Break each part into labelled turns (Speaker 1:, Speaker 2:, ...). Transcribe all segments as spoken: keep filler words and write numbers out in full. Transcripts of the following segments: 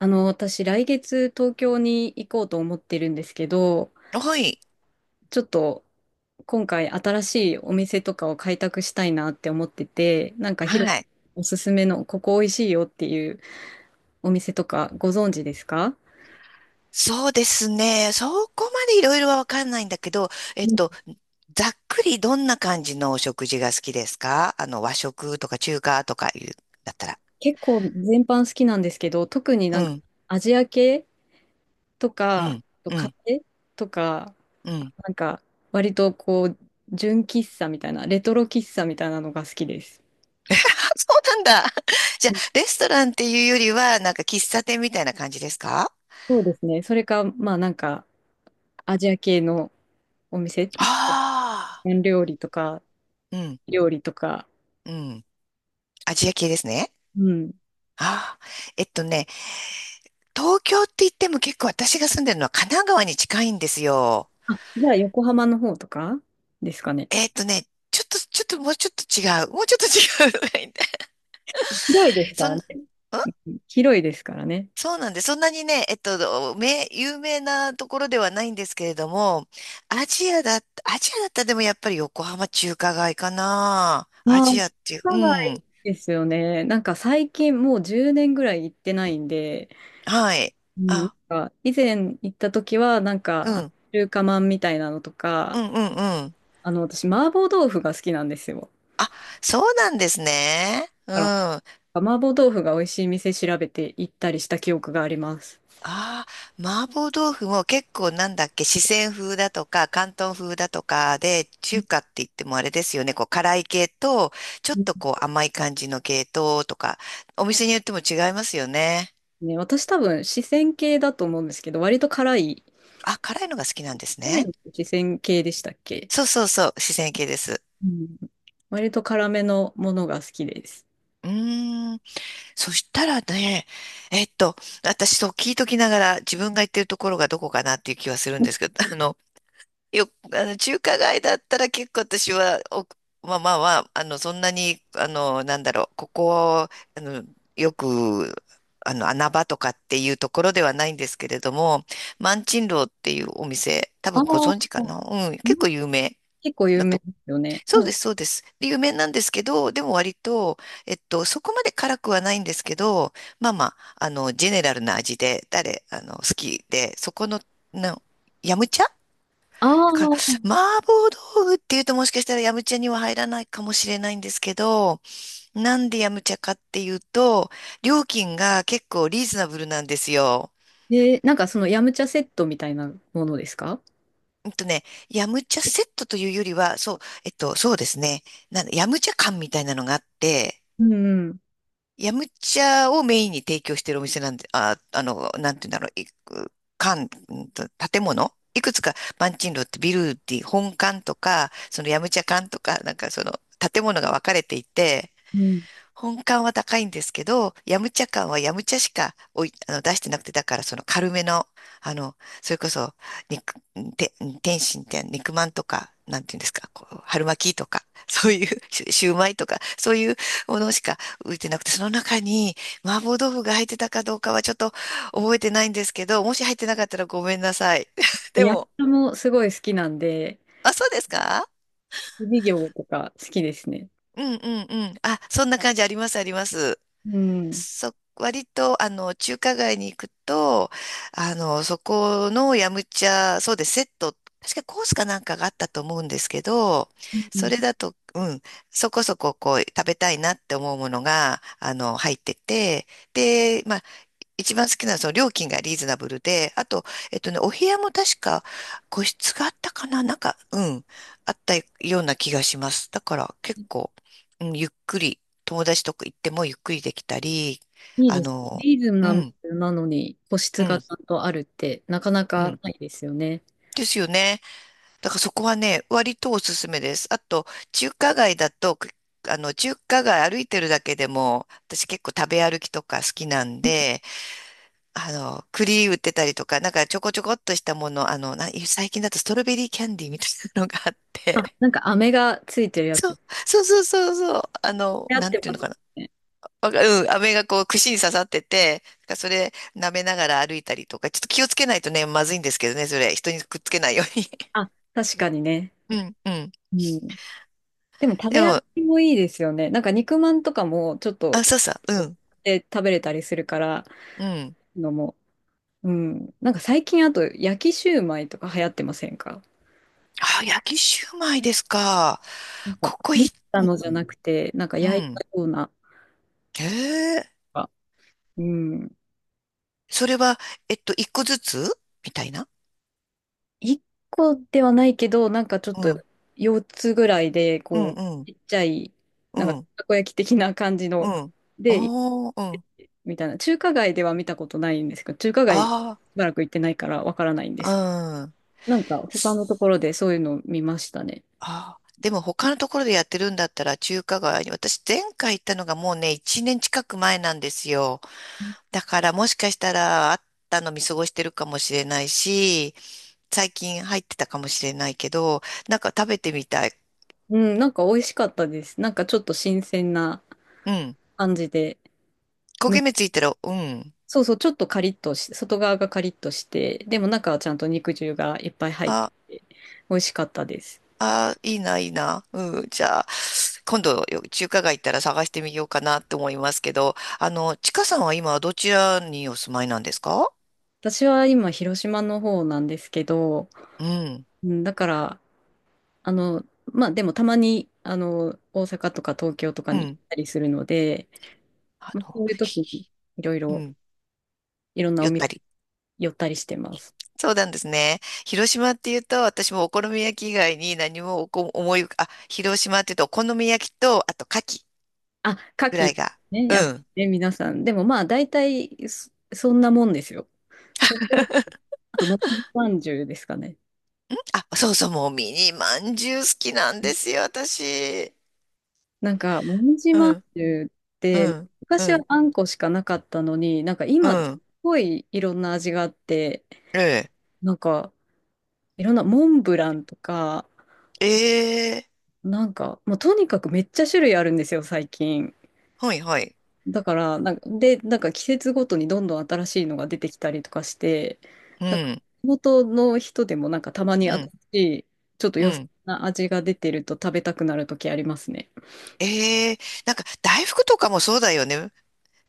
Speaker 1: あの、私、来月東京に行こうと思ってるんですけど、
Speaker 2: はい。
Speaker 1: ちょっと今回新しいお店とかを開拓したいなって思ってて、なんかヒ
Speaker 2: は
Speaker 1: ロ
Speaker 2: い。
Speaker 1: おすすめのここ美味しいよっていうお店とかご存知ですか？
Speaker 2: そうですね。そこまでいろいろはわかんないんだけど、えっと、ざっくりどんな感じのお食事が好きですか？あの、和食とか中華とかいう、だったら。
Speaker 1: 結構全般好きなんですけど、特に
Speaker 2: う
Speaker 1: なんか
Speaker 2: ん、
Speaker 1: アジア系と
Speaker 2: う
Speaker 1: か、あ
Speaker 2: ん、
Speaker 1: と
Speaker 2: う
Speaker 1: カフ
Speaker 2: ん、
Speaker 1: ェとか、
Speaker 2: うん。
Speaker 1: なんか割とこう、純喫茶みたいな、レトロ喫茶みたいなのが好きです。
Speaker 2: そうなんだ。じゃあ、レストランっていうよりは、なんか喫茶店みたいな感じですか？
Speaker 1: そうですね。それか、まあなんか、アジア系のお店、
Speaker 2: あ
Speaker 1: 料理とか、
Speaker 2: あー、
Speaker 1: 料理とか。
Speaker 2: うん、うん。アジア系ですね。
Speaker 1: うん。
Speaker 2: ああ、えっとね、東京って言っても結構私が住んでるのは神奈川に近いんですよ。
Speaker 1: あ、じゃあ横浜の方とかですかね。
Speaker 2: えーっとね、ちょっと、ちょっと、もうちょっと違う。もうちょっと違う。
Speaker 1: 広いですか
Speaker 2: そん、
Speaker 1: ら
Speaker 2: ん
Speaker 1: ね。広いですからね。
Speaker 2: そうなんで、そんなにね、えっと、め、有名なところではないんですけれども、アジアだ、アジアだったらでもやっぱり横浜中華街かな。
Speaker 1: あ
Speaker 2: ア
Speaker 1: あ、
Speaker 2: ジ
Speaker 1: 都
Speaker 2: アっていう、うん。
Speaker 1: ですよね。なんか最近もうじゅうねんぐらい行ってないんで、
Speaker 2: はい。
Speaker 1: うん、なん
Speaker 2: あ、
Speaker 1: か以前行った時はなん
Speaker 2: う
Speaker 1: かあの
Speaker 2: ん、
Speaker 1: 中華まんみたいなのと
Speaker 2: う
Speaker 1: か、
Speaker 2: ん、うん、うん。
Speaker 1: あの私麻婆豆腐が好きなんですよ。
Speaker 2: そうなんですね。う
Speaker 1: だか
Speaker 2: ん。
Speaker 1: ら麻婆豆腐が美味しい店調べて行ったりした記憶があります。
Speaker 2: ああ、麻婆豆腐も結構なんだっけ、四川風だとか、広東風だとかで、中華って言ってもあれですよね、こう辛い系と、ちょっとこう甘い感じの系統とか、お店によっても違いますよね。
Speaker 1: ね、私多分四川系だと思うんですけど、割と辛い
Speaker 2: あ、辛いのが好きなんです
Speaker 1: 辛
Speaker 2: ね。
Speaker 1: い。四川系でしたっけ？
Speaker 2: そうそうそう、四川系です。
Speaker 1: うん。割と辛めのものが好きです。
Speaker 2: うーん、そしたらね、えっと、私そう聞いときながら自分が行ってるところがどこかなっていう気はするんですけど、あの、よ、あの、中華街だったら結構私は、お、まあまあまあ、あの、そんなに、あの、なんだろう、ここ、あの、よく、あの、穴場とかっていうところではないんですけれども、万珍楼っていうお店、多
Speaker 1: あ
Speaker 2: 分ご
Speaker 1: あ、
Speaker 2: 存知かな？うん、
Speaker 1: うん。
Speaker 2: 結構有名
Speaker 1: 結構有
Speaker 2: な
Speaker 1: 名
Speaker 2: と。
Speaker 1: ですよね。
Speaker 2: そう
Speaker 1: う
Speaker 2: で
Speaker 1: ん。
Speaker 2: す、そうです。で有名なんですけど、でも割と、えっと、そこまで辛くはないんですけど、まあまあ、あの、ジェネラルな味で、誰、あの、好きで、そこの、の、ヤムチャ
Speaker 1: あ
Speaker 2: だから、
Speaker 1: あ、
Speaker 2: 麻婆豆腐っていうともしかしたらヤムチャには入らないかもしれないんですけど、なんでヤムチャかっていうと、料金が結構リーズナブルなんですよ。
Speaker 1: で、なんかそのヤムチャセットみたいなものですか？
Speaker 2: うんとね、ヤムチャセットというよりは、そう、えっと、そうですね、なんだヤムチャ缶みたいなのがあって、
Speaker 1: うん、うん。
Speaker 2: ヤムチャをメインに提供しているお店なんで、あ、あの、なんて言うんだろう、いく館、うんと建物いくつか、マンチンロってビルディ、本館とか、そのヤムチャ館とか、なんかその建物が分かれていて、
Speaker 1: うん。
Speaker 2: 本館は高いんですけど、ヤムチャ館はヤムチャしかおい、あの、出してなくて、だからその軽めの、あの、それこそ、肉、て、天津って肉まんとか、なんていうんですか、こう、春巻きとか、そういう、シュシューマイとか、そういうものしか浮いてなくて、その中に麻婆豆腐が入ってたかどうかはちょっと覚えてないんですけど、もし入ってなかったらごめんなさい。で
Speaker 1: ヤムチ
Speaker 2: も、
Speaker 1: ャもすごい好きなんで、
Speaker 2: あ、そうですか？
Speaker 1: 授業とか好きですね。
Speaker 2: うんうんうん。あ、そんな感じありますあります。
Speaker 1: うん。
Speaker 2: そ、割と、あの、中華街に行くと、あの、そこのヤムチャ、そうです、セット、確かコースかなんかがあったと思うんですけど、
Speaker 1: う
Speaker 2: それ
Speaker 1: ん、
Speaker 2: だと、うん、そこそここう、食べたいなって思うものが、あの、入ってて、で、まあ一番好きなのはその料金がリーズナブルで、あと、えっとね、お部屋も確か個室があったかななんか、うん、あったような気がします。だから結構、うん、ゆっくり、友達とか行ってもゆっくりできたり、
Speaker 1: いい
Speaker 2: あ
Speaker 1: です。
Speaker 2: の、
Speaker 1: リーズ
Speaker 2: う
Speaker 1: ナブ
Speaker 2: ん、
Speaker 1: ルなのに個
Speaker 2: う
Speaker 1: 室が
Speaker 2: ん、
Speaker 1: ちゃんとあるってなかな
Speaker 2: う
Speaker 1: か
Speaker 2: ん。
Speaker 1: ないですよね。
Speaker 2: ですよね。だからそこはね、割とおすすめです。あと、中華街だと、くあの、中華街歩いてるだけでも、私結構食べ歩きとか好きなんで、あの、栗売ってたりとか、なんかちょこちょこっとしたもの、あの、な、最近だとストロベリーキャンディーみたいなのがあっ
Speaker 1: あ、
Speaker 2: て、
Speaker 1: なんか飴がついてる やつ。
Speaker 2: そう、
Speaker 1: 流
Speaker 2: そうそうそうそう、あの、
Speaker 1: 行っ
Speaker 2: なん
Speaker 1: て
Speaker 2: ていう
Speaker 1: ま
Speaker 2: の
Speaker 1: す
Speaker 2: かな。
Speaker 1: ね。
Speaker 2: わかうん、飴がこう串に刺さってて、なんかそれ舐めながら歩いたりとか、ちょっと気をつけないとね、まずいんですけどね、それ、人にくっつけないように。
Speaker 1: あ、確かにね。
Speaker 2: うん、うん。
Speaker 1: うん。でも食
Speaker 2: で
Speaker 1: べ歩
Speaker 2: も、
Speaker 1: きもいいですよね。なんか肉まんとかもちょっ
Speaker 2: あ、
Speaker 1: と
Speaker 2: そうそう、うん、
Speaker 1: で食べれたりするから
Speaker 2: うん。
Speaker 1: のも。うん。なんか最近あと焼きシューマイとか流行ってませんか？
Speaker 2: あ、焼きシューマイですか？
Speaker 1: なんか、
Speaker 2: ここ
Speaker 1: 持
Speaker 2: い
Speaker 1: っ
Speaker 2: い。
Speaker 1: たのじゃなくて、なんか
Speaker 2: う
Speaker 1: 焼い
Speaker 2: ん。
Speaker 1: たような。
Speaker 2: へえ、
Speaker 1: うん。
Speaker 2: それは、えっと、一個ずつみたいな。
Speaker 1: 一個ではないけど、なんかちょっとよっつぐらいで、
Speaker 2: うん
Speaker 1: こ
Speaker 2: う
Speaker 1: う、
Speaker 2: ん、
Speaker 1: ちっちゃい、
Speaker 2: う
Speaker 1: なんか
Speaker 2: ん、
Speaker 1: たこ焼き的な感じ
Speaker 2: う
Speaker 1: の、
Speaker 2: ん。
Speaker 1: で、いっ
Speaker 2: ああ、うん。
Speaker 1: みたいな、中華街では見たことないんですけど、中華街し
Speaker 2: あ
Speaker 1: ばらく行ってないからわからないんです。
Speaker 2: あ、うん。
Speaker 1: なんか他のところでそういうのを見ましたね。
Speaker 2: ああ、でも他のところでやってるんだったら中華街に、私前回行ったのがもうね、いちねん近く前なんですよ。だからもしかしたらあったの見過ごしてるかもしれないし、最近入ってたかもしれないけど、なんか食べてみたい。
Speaker 1: うん、なんか美味しかったです。なんかちょっと新鮮な
Speaker 2: うん。
Speaker 1: 感じで、
Speaker 2: 焦げ
Speaker 1: む、
Speaker 2: 目ついたら、うん。
Speaker 1: そうそう、ちょっとカリッとし、外側がカリッとして、でも中はちゃんと肉汁がいっぱい入ってて、美味しかったです。
Speaker 2: ああ、いいな、いいな。うん、じゃあ、今度よ、中華街行ったら探してみようかなって思いますけど、あの、ちかさんは今、どちらにお住まいなんですか？
Speaker 1: 私は今、広島の方なんですけど、
Speaker 2: うん、
Speaker 1: うん、だから、あの、まあでもたまに、あの、大阪とか東京とか
Speaker 2: う
Speaker 1: に行っ
Speaker 2: ん、
Speaker 1: たりするので、
Speaker 2: あ
Speaker 1: まあ、そ
Speaker 2: の、
Speaker 1: ういう時に
Speaker 2: ひ
Speaker 1: いろい
Speaker 2: う
Speaker 1: ろ、
Speaker 2: ん、
Speaker 1: いろんな
Speaker 2: ゆ
Speaker 1: お
Speaker 2: っ
Speaker 1: 店
Speaker 2: たり。
Speaker 1: 寄ったりしてます。
Speaker 2: そうなんですね。広島って言うと、私もお好み焼き以外に何もおこ思い浮か、あ、広島って言うと、お好み焼きと、あと、牡蠣
Speaker 1: あ、
Speaker 2: ぐ
Speaker 1: 牡
Speaker 2: らい
Speaker 1: 蠣、
Speaker 2: が。
Speaker 1: ね、
Speaker 2: う
Speaker 1: やっぱ
Speaker 2: ん。
Speaker 1: りね、皆さん。でもまあ、大体そ、そんなもんですよ。そこあと、もみじまんじゅうですかね。
Speaker 2: あ、そうそう、もうミニまんじゅう好きなんですよ、私。
Speaker 1: なんか、もみじ
Speaker 2: う
Speaker 1: まん
Speaker 2: ん、
Speaker 1: じゅうっ
Speaker 2: う
Speaker 1: て、
Speaker 2: ん、う
Speaker 1: 昔は
Speaker 2: ん、
Speaker 1: あんこしかなかったのに、なんか
Speaker 2: う
Speaker 1: 今、す
Speaker 2: ん。
Speaker 1: ごいいろんな味があって、
Speaker 2: ええ
Speaker 1: なんか、いろんなモンブランとか、
Speaker 2: ええ
Speaker 1: なんか、もうとにかくめっちゃ種類あるんですよ、最近。
Speaker 2: はいはい。
Speaker 1: だから、なんか、で、なんか季節ごとにどんどん新しいのが出てきたりとかして、
Speaker 2: う
Speaker 1: なんか
Speaker 2: ん、
Speaker 1: 地元の人でもなんかたま
Speaker 2: う
Speaker 1: に新
Speaker 2: ん、
Speaker 1: しい、ちょっと
Speaker 2: う
Speaker 1: 良さ
Speaker 2: ん。
Speaker 1: な味が出てると食べたくなる時ありますね。
Speaker 2: ええなんか大福とかもそうだよね。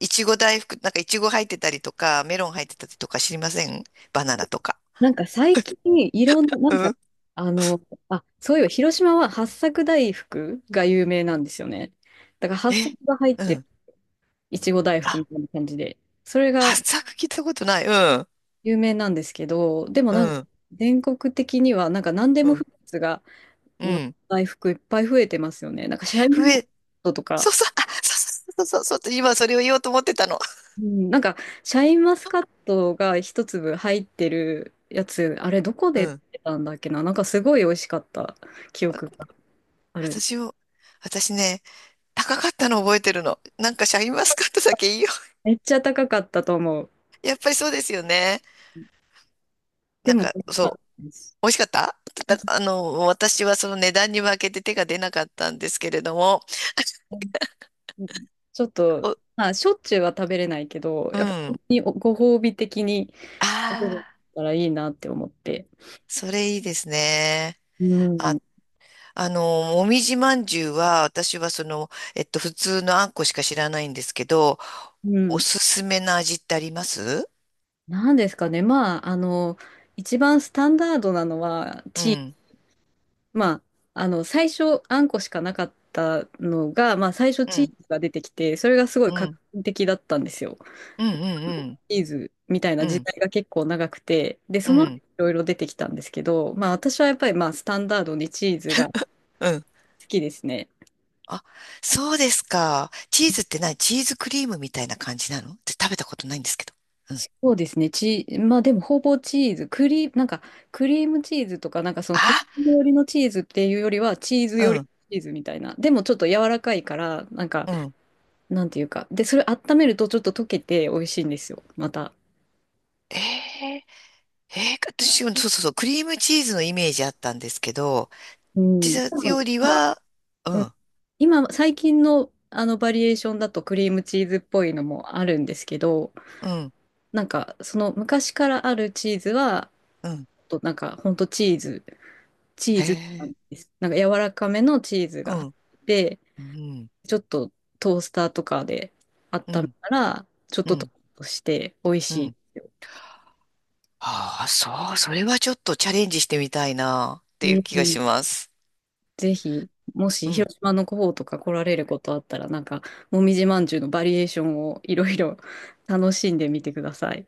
Speaker 2: いちご大福、なんかいちご入ってたりとか、メロン入ってたりとか知りません？バナナとか。
Speaker 1: なんか最近いろんな、なん
Speaker 2: う
Speaker 1: か、
Speaker 2: ん。
Speaker 1: あの、あ、そういえば広島は八朔大福が有名なんですよね。だから八朔
Speaker 2: え、
Speaker 1: が入っ
Speaker 2: う
Speaker 1: てる
Speaker 2: ん。
Speaker 1: いちご大福
Speaker 2: あ、
Speaker 1: みたいな感じで、それが
Speaker 2: 発作聞いたことない。うん、
Speaker 1: 有名なんですけど、でも
Speaker 2: う
Speaker 1: なんか
Speaker 2: ん、
Speaker 1: 全国的にはなんか何で
Speaker 2: う
Speaker 1: もフ
Speaker 2: ん、
Speaker 1: ルーツが
Speaker 2: う
Speaker 1: の
Speaker 2: ん。
Speaker 1: 大福いっぱい増えてますよね。なんかシャイ
Speaker 2: 増
Speaker 1: ンマスカッ
Speaker 2: え、
Speaker 1: トとか、
Speaker 2: そうそう、あ、そうそうそう、そう、今それを言おうと思ってたの。
Speaker 1: うん、なんかシャインマスカットがひとつぶ入ってるやつ、あれどこ
Speaker 2: う
Speaker 1: で売っ
Speaker 2: ん。
Speaker 1: てたんだっけな、なんかすごい美味しかった記憶がある。
Speaker 2: 私を、私ね、高かったの覚えてるの。なんかシャインマスカットだけいいよ。
Speaker 1: めっちゃ高かったと思う。
Speaker 2: やっぱりそうですよね。
Speaker 1: で
Speaker 2: なん
Speaker 1: も
Speaker 2: か、
Speaker 1: 美味しかっ
Speaker 2: そ
Speaker 1: た
Speaker 2: う。
Speaker 1: です。
Speaker 2: 美味しかった
Speaker 1: う
Speaker 2: だ、あの、私はその値段に負けて手が出なかったんですけれども、
Speaker 1: ん、うん、ちょっと、
Speaker 2: お、
Speaker 1: まあ、しょっちゅうは食べれないけど、
Speaker 2: う
Speaker 1: やっぱ本
Speaker 2: ん。
Speaker 1: 当にご褒美的に食べれ
Speaker 2: ああ、
Speaker 1: たらいいなって思って。
Speaker 2: それいいですね。
Speaker 1: うん。
Speaker 2: あ、あの、もみじまんじゅうは、私はその、えっと、普通のあんこしか知らないんですけど、
Speaker 1: う
Speaker 2: お
Speaker 1: ん。
Speaker 2: すすめの味ってあります？
Speaker 1: なんですかね。まあ、あの、一番スタンダードなのは、
Speaker 2: う
Speaker 1: チーズ。
Speaker 2: ん、
Speaker 1: まあ、あの、最初、あんこしかなかったのが、まあ、最初
Speaker 2: う
Speaker 1: チー
Speaker 2: ん、
Speaker 1: ズが出てきて、それがすごい
Speaker 2: う
Speaker 1: 画期
Speaker 2: ん、
Speaker 1: 的だったんですよ。
Speaker 2: うん、うん、
Speaker 1: チーズみたい
Speaker 2: う
Speaker 1: な
Speaker 2: ん、う
Speaker 1: 時
Speaker 2: ん、
Speaker 1: 代が結構長くて、で、
Speaker 2: う
Speaker 1: その後い
Speaker 2: ん、
Speaker 1: ろいろ出てきたんですけど、まあ、私はやっぱり、まあ、スタンダードにチーズが好
Speaker 2: うん。
Speaker 1: きですね。
Speaker 2: あ、そうですか。チーズって何チーズクリームみたいな感じなの？って食べたことないんですけど。うん。
Speaker 1: そうですね。チー、まあでもほぼチーズ、クリー、なんかクリームチーズとか、なんかそのクリ
Speaker 2: あ、
Speaker 1: ーム寄りのチーズっていうよりは、チーズ
Speaker 2: う
Speaker 1: 寄りの
Speaker 2: ん、
Speaker 1: チーズみたいな。でもちょっと柔らかいから、なんか、
Speaker 2: うん。
Speaker 1: なんていうか。で、それ温めるとちょっと溶けて美味しいんですよ、また。
Speaker 2: ええええ私、そうそうそう、クリームチーズのイメージあったんですけど、
Speaker 1: う
Speaker 2: ピ
Speaker 1: ん。
Speaker 2: ザ
Speaker 1: 多分
Speaker 2: よりは、う
Speaker 1: うん、
Speaker 2: ん、
Speaker 1: 今、最近のあのバリエーションだとクリームチーズっぽいのもあるんですけど、
Speaker 2: うん、
Speaker 1: なんかその昔からあるチーズは、
Speaker 2: うん、
Speaker 1: となんかほんとチーズチー
Speaker 2: へ
Speaker 1: ズなん
Speaker 2: え
Speaker 1: です。なんか柔らかめのチーズ
Speaker 2: う
Speaker 1: が入
Speaker 2: ん、
Speaker 1: って、
Speaker 2: うん、
Speaker 1: ちょっとトースターとかで
Speaker 2: う
Speaker 1: 温め
Speaker 2: ん、
Speaker 1: たら、ちょっ
Speaker 2: う
Speaker 1: とトー
Speaker 2: ん、
Speaker 1: ストして美味
Speaker 2: う
Speaker 1: しい
Speaker 2: ん。
Speaker 1: ですよ。
Speaker 2: ああ、そう、それはちょっとチャレンジしてみたいな、っ
Speaker 1: う
Speaker 2: ていう
Speaker 1: ん、
Speaker 2: 気が
Speaker 1: う
Speaker 2: し
Speaker 1: ん、
Speaker 2: ます。
Speaker 1: ぜひ、も
Speaker 2: う
Speaker 1: し
Speaker 2: ん
Speaker 1: 広島の方とか来られることあったら、なんか、もみじまんじゅうのバリエーションをいろいろ楽しんでみてください。